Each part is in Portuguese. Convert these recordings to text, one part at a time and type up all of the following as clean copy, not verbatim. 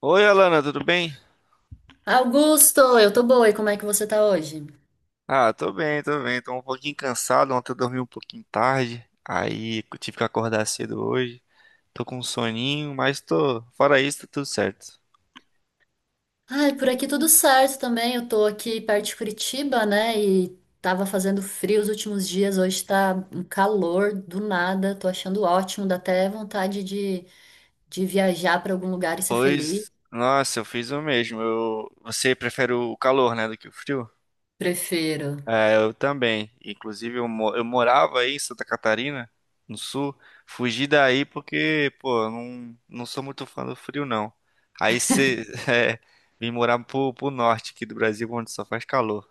Oi, Alana, tudo bem? Augusto, eu tô boa, e como é que você tá hoje? Ah, tô bem, tô bem. Tô um pouquinho cansado. Ontem eu dormi um pouquinho tarde. Aí eu tive que acordar cedo hoje. Tô com um soninho, mas tô. Fora isso, tá tudo certo. Ai, por aqui tudo certo também. Eu tô aqui perto de Curitiba, né? E tava fazendo frio os últimos dias, hoje tá um calor do nada, tô achando ótimo, dá até vontade de viajar pra algum lugar e ser feliz. Pois, nossa, eu fiz o mesmo. Você prefere o calor, né, do que o frio? Prefiro. É, eu também. Inclusive, eu morava aí em Santa Catarina, no sul. Fugi daí porque, pô, eu não sou muito fã do frio, não. Aí você. É, vim morar pro norte aqui do Brasil, onde só faz calor.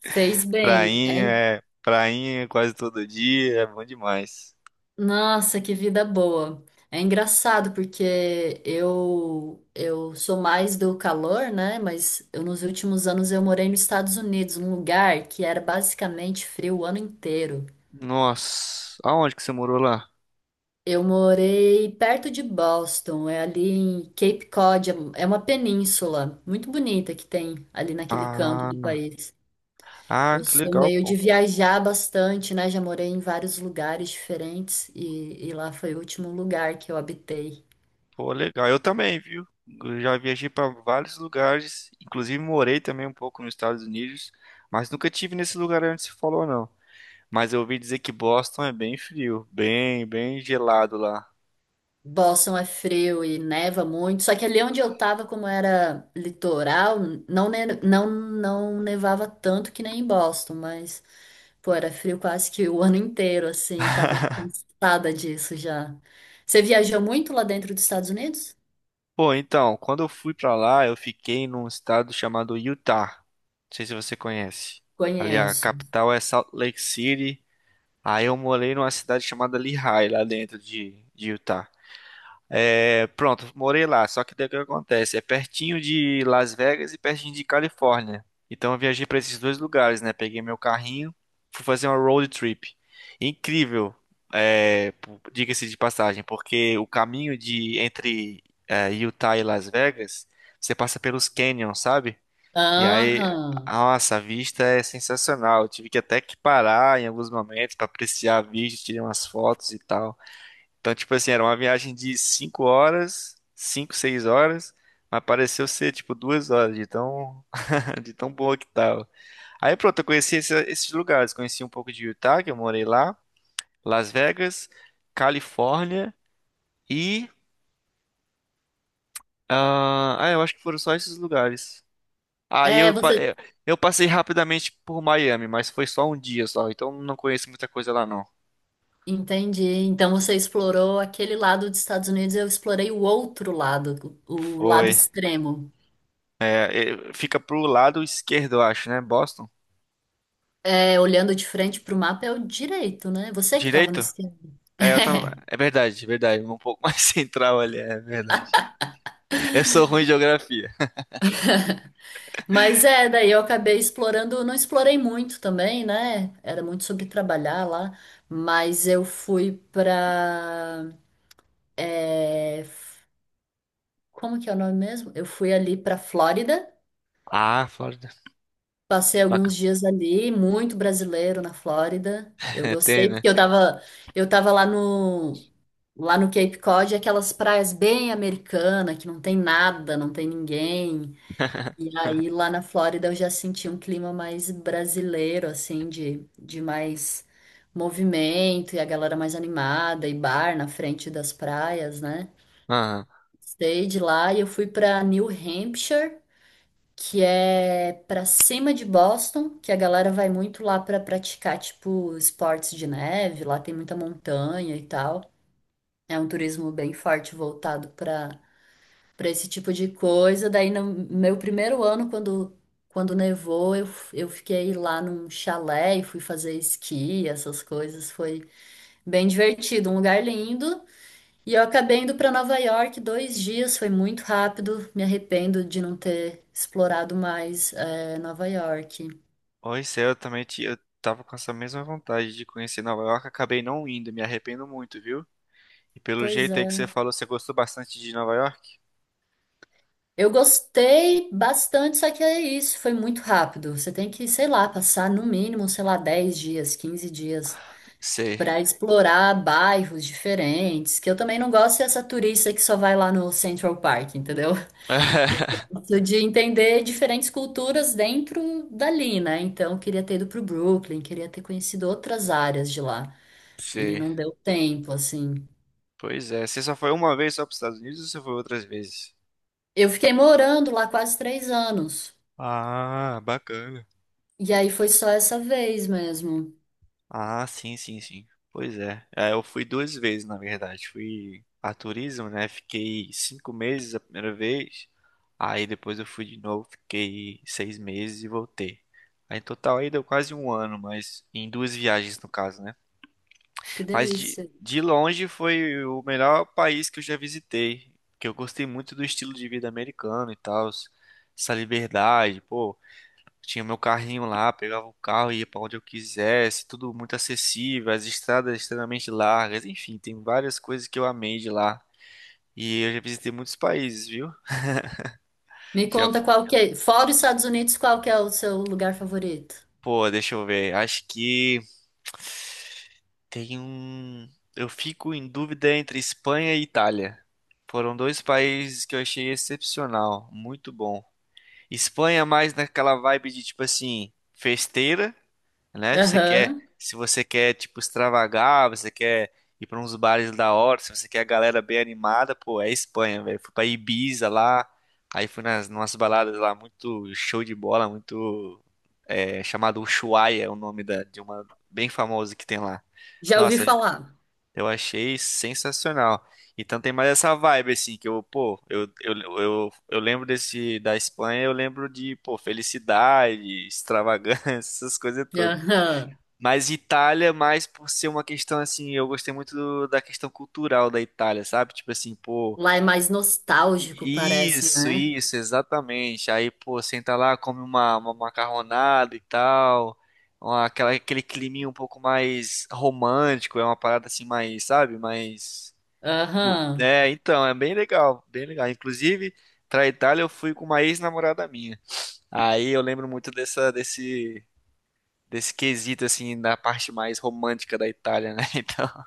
Fez bem. Prainha, É. é, prainha quase todo dia, é bom demais. Nossa, que vida boa. É engraçado porque eu sou mais do calor, né? Mas eu, nos últimos anos eu morei nos Estados Unidos, num lugar que era basicamente frio o ano inteiro. Nossa, aonde que você morou lá? Eu morei perto de Boston, é ali em Cape Cod, é uma península muito bonita que tem ali naquele canto Ah, do país. ah, Eu que sou legal, meio de pô. viajar bastante, né? Já morei em vários lugares diferentes e lá foi o último lugar que eu habitei. Pô, legal. Eu também, viu? Eu já viajei para vários lugares, inclusive morei também um pouco nos Estados Unidos, mas nunca tive nesse lugar onde se falou, não. Mas eu ouvi dizer que Boston é bem frio, bem gelado lá. Boston é frio e neva muito, só que ali onde eu tava, como era litoral, não nevava tanto que nem em Boston, mas, pô, era frio quase que o ano inteiro, assim, tava cansada disso já. Você viajou muito lá dentro dos Estados Unidos? Pô, então, quando eu fui pra lá, eu fiquei num estado chamado Utah. Não sei se você conhece. Ali a Conheço. capital é Salt Lake City. Aí eu morei numa cidade chamada Lehigh, lá dentro de Utah. É, pronto, morei lá. Só que daí o que acontece? É pertinho de Las Vegas e pertinho de Califórnia. Então eu viajei para esses dois lugares, né? Peguei meu carrinho, fui fazer uma road trip. Incrível, diga-se de passagem, porque o caminho de entre Utah e Las Vegas, você passa pelos canyons, sabe? E aí, Aham. nossa, a vista é sensacional. Eu tive que até que parar em alguns momentos para apreciar a vista, tirei umas fotos e tal. Então, tipo assim, era uma viagem de 5 horas, 5, 6 horas, mas pareceu ser tipo 2 horas de de tão boa que tava. Aí pronto, eu conheci esses lugares, conheci um pouco de Utah, que eu morei lá, Las Vegas, Califórnia e eu acho que foram só esses lugares. Aí É, eu, pa- você. eh, eu passei rapidamente por Miami, mas foi só um dia só, então não conheço muita coisa lá não. Entendi. Então você explorou aquele lado dos Estados Unidos, eu explorei o outro lado, o lado Foi. extremo. É, fica pro lado esquerdo, eu acho, né? Boston. É, olhando de frente pro mapa é o direito, né? Você que estava no Direito? esquerdo. É, eu tava... é verdade, é verdade. Um pouco mais central ali, é verdade. Eu sou ruim de geografia. Mas é, daí eu acabei explorando, não explorei muito também, né? Era muito sobre trabalhar lá, mas eu fui pra. é, Como que é o nome mesmo? Eu fui ali pra Flórida, Ah, Flórida. passei alguns Bacana. dias ali, muito brasileiro na Flórida. Eu Tem, gostei né? porque eu tava lá no Cape Cod, aquelas praias bem americanas, que não tem nada, não tem ninguém. E aí lá na Flórida eu já senti um clima mais brasileiro, assim, de mais movimento e a galera mais animada e bar na frente das praias, né? Aham. Stay de lá e eu fui pra New Hampshire, que é pra cima de Boston, que a galera vai muito lá pra praticar, tipo, esportes de neve, lá tem muita montanha e tal. É um turismo bem forte voltado pra para esse tipo de coisa. Daí no meu primeiro ano, quando nevou, eu fiquei lá num chalé e fui fazer esqui, essas coisas. Foi bem divertido, um lugar lindo. E eu acabei indo para Nova York 2 dias, foi muito rápido. Me arrependo de não ter explorado mais Nova York. Oi, céu, eu também eu tava com essa mesma vontade de conhecer Nova York, acabei não indo, me arrependo muito, viu? E pelo Pois jeito aí que você é. falou, você gostou bastante de Nova York? Eu gostei bastante, só que é isso, foi muito rápido. Você tem que, sei lá, passar no mínimo, sei lá, 10 dias, 15 dias Sei. para explorar bairros diferentes, que eu também não gosto dessa turista que só vai lá no Central Park, entendeu? Eu gosto de entender diferentes culturas dentro dali, né? Então, eu queria ter ido pro Brooklyn, queria ter conhecido outras áreas de lá, e Sei. não deu tempo, assim. Pois é, você só foi uma vez só para os Estados Unidos ou você foi outras vezes? Eu fiquei morando lá quase 3 anos, Ah, bacana. e aí foi só essa vez mesmo. Ah, sim, sim, sim. Pois é. É, eu fui 2 vezes, na verdade. Fui a turismo, né? Fiquei 5 meses a primeira vez. Aí depois eu fui de novo, fiquei 6 meses e voltei. Aí, em total aí deu quase um ano, mas em duas viagens no caso, né? Que Mas de, delícia. de longe foi o melhor país que eu já visitei, porque eu gostei muito do estilo de vida americano e tal, essa liberdade, pô. Tinha meu carrinho lá, pegava o carro e ia pra onde eu quisesse, tudo muito acessível, as estradas extremamente largas, enfim, tem várias coisas que eu amei de lá. E eu já visitei muitos países, viu? Me Já, conta qual que é, fora os Estados Unidos, qual que é o seu lugar favorito? pô, deixa eu ver. Acho que tem um. Eu fico em dúvida entre Espanha e Itália. Foram dois países que eu achei excepcional, muito bom. Espanha é mais naquela vibe de tipo assim, festeira, né? Se você quer, Aham. se você quer, tipo, extravagar, você quer ir pra uns bares da hora, se você quer a galera bem animada, pô, é Espanha, velho. Fui pra Ibiza lá, aí fui nas nossas baladas lá, muito show de bola, chamado Ushuaia, é o nome de uma bem famosa que tem lá. Já ouvi Nossa, falar. eu achei sensacional. Então tem mais essa vibe assim que eu, pô, eu lembro desse da Espanha, eu lembro de, pô, felicidade, extravagância, essas coisas todas. Aham. Mas Itália, mais por ser uma questão assim, eu gostei muito da questão cultural da Itália, sabe? Tipo assim, pô, Lá é mais nostálgico, i- parece, isso, né? isso, exatamente. Aí, pô, senta lá, come uma macarronada e tal, aquele climinha um pouco mais romântico, é uma parada assim, mais, sabe? Mais. Aham. É, então, é bem legal, bem legal. Inclusive, pra Itália eu fui com uma ex-namorada minha. Aí eu lembro muito desse quesito, assim, da parte mais romântica da Itália, né? Então,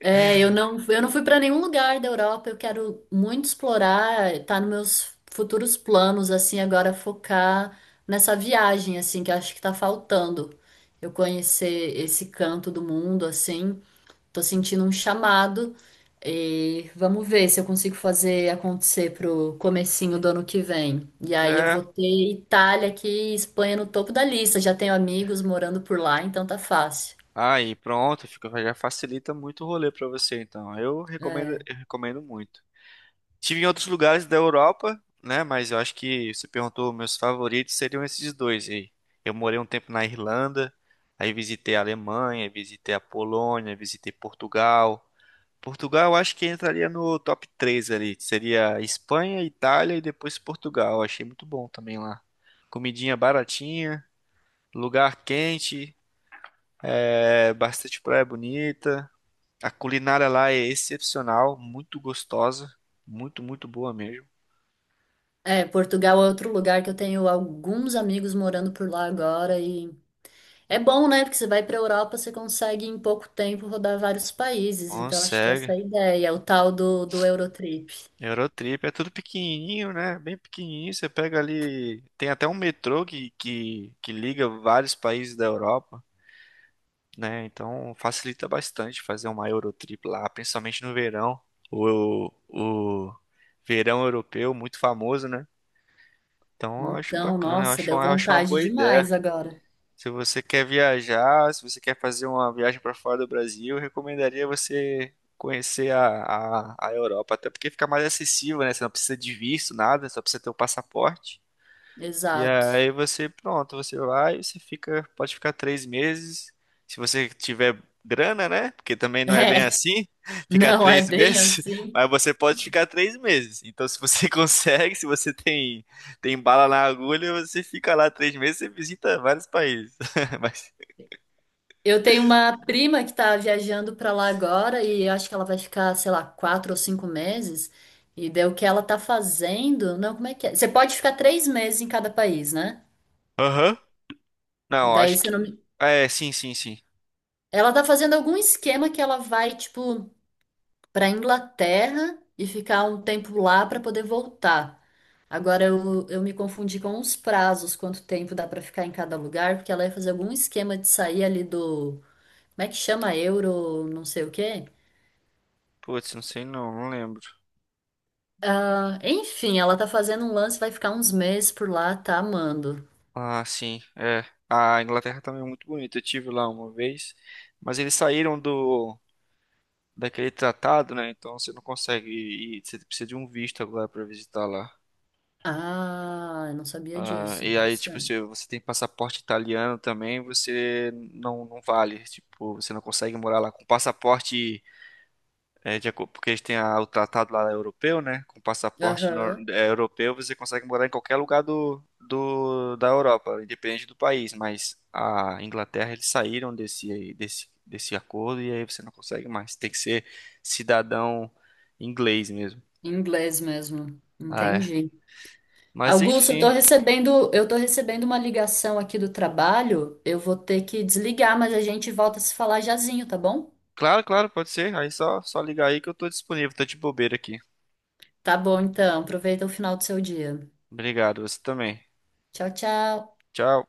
É, eu não fui para nenhum lugar da Europa. Eu quero muito explorar, tá nos meus futuros planos, assim, agora focar nessa viagem, assim, que eu acho que tá faltando. Eu conhecer esse canto do mundo, assim. Tô sentindo um chamado e vamos ver se eu consigo fazer acontecer pro comecinho do ano que vem. E aí eu é. vou ter Itália aqui e Espanha no topo da lista. Já tenho amigos morando por lá, então tá fácil. Aí, pronto, já facilita muito o rolê pra você, então. É. Eu recomendo muito. Tive em outros lugares da Europa, né? Mas eu acho que você perguntou meus favoritos seriam esses dois aí. Eu morei um tempo na Irlanda, aí visitei a Alemanha, visitei a Polônia, visitei Portugal. Portugal, eu acho que entraria no top 3 ali. Seria Espanha, Itália e depois Portugal. Eu achei muito bom também lá. Comidinha baratinha, lugar quente, bastante praia bonita. A culinária lá é excepcional, muito gostosa, muito, muito boa mesmo. É, Portugal é outro lugar que eu tenho alguns amigos morando por lá agora e é bom, né? Porque você vai para Europa, você consegue em pouco tempo rodar vários países. Então acho que essa Consegue. é a ideia, o tal do Eurotrip. Eurotrip é tudo pequenininho, né? Bem pequenininho. Você pega ali. Tem até um metrô que liga vários países da Europa, né? Então facilita bastante fazer uma Eurotrip lá, principalmente no verão. O verão europeu, muito famoso, né? Então eu acho Então, bacana, eu nossa, acho deu uma, eu acho uma vontade boa ideia. demais agora. Se você quer viajar, se você quer fazer uma viagem para fora do Brasil, eu recomendaria você conhecer a Europa, até porque fica mais acessível, né? Você não precisa de visto, nada, só precisa ter o passaporte. E Exato. aí você, pronto, você vai, você fica, pode ficar 3 meses, se você tiver grana, né? Porque também não é bem É, assim, ficar não é três bem meses, assim. mas você pode ficar 3 meses. Então, se você consegue, se você tem bala na agulha, você fica lá 3 meses e visita vários países. Mas, Eu tenho uma prima que tá viajando pra lá agora e eu acho que ela vai ficar, sei lá, 4 ou 5 meses. E daí o que ela tá fazendo? Não, como é que é? Você pode ficar 3 meses em cada país, né? aham. Não, Daí acho você que, não. me- ah, é, sim, sim, sim. Ela tá fazendo algum esquema que ela vai, tipo, pra Inglaterra e ficar um tempo lá pra poder voltar. Agora eu me confundi com os prazos, quanto tempo dá pra ficar em cada lugar, porque ela ia fazer algum esquema de sair ali do. Como é que chama euro, não sei o quê? Putz, não sei não, não lembro. Ah, enfim, ela tá fazendo um lance, vai ficar uns meses por lá, tá amando. Ah, sim, é. A Inglaterra também é muito bonita. Eu tive lá uma vez, mas eles saíram do daquele tratado, né? Então você não consegue ir, você precisa de um visto agora para visitar lá. Ah, eu não sabia Ah, disso. e aí, tipo, Interessante. se você tem passaporte italiano também, você não vale. Tipo, você não consegue morar lá com passaporte, de acordo, porque eles têm o tratado lá europeu, né? Com passaporte Aham. Europeu, você consegue morar em qualquer lugar da Europa, independente do país. Mas a Inglaterra, eles saíram desse acordo e aí você não consegue mais. Tem que ser cidadão inglês mesmo. Em Inglês mesmo. Ah, é. Entendi. Mas Augusto, enfim. Eu tô recebendo uma ligação aqui do trabalho. Eu vou ter que desligar, mas a gente volta a se falar jazinho, tá bom? Claro, claro, pode ser. Aí só ligar aí que eu tô disponível. Tô de bobeira aqui. Tá bom, então. Aproveita o final do seu dia. Obrigado, você também. Tchau, tchau. Tchau.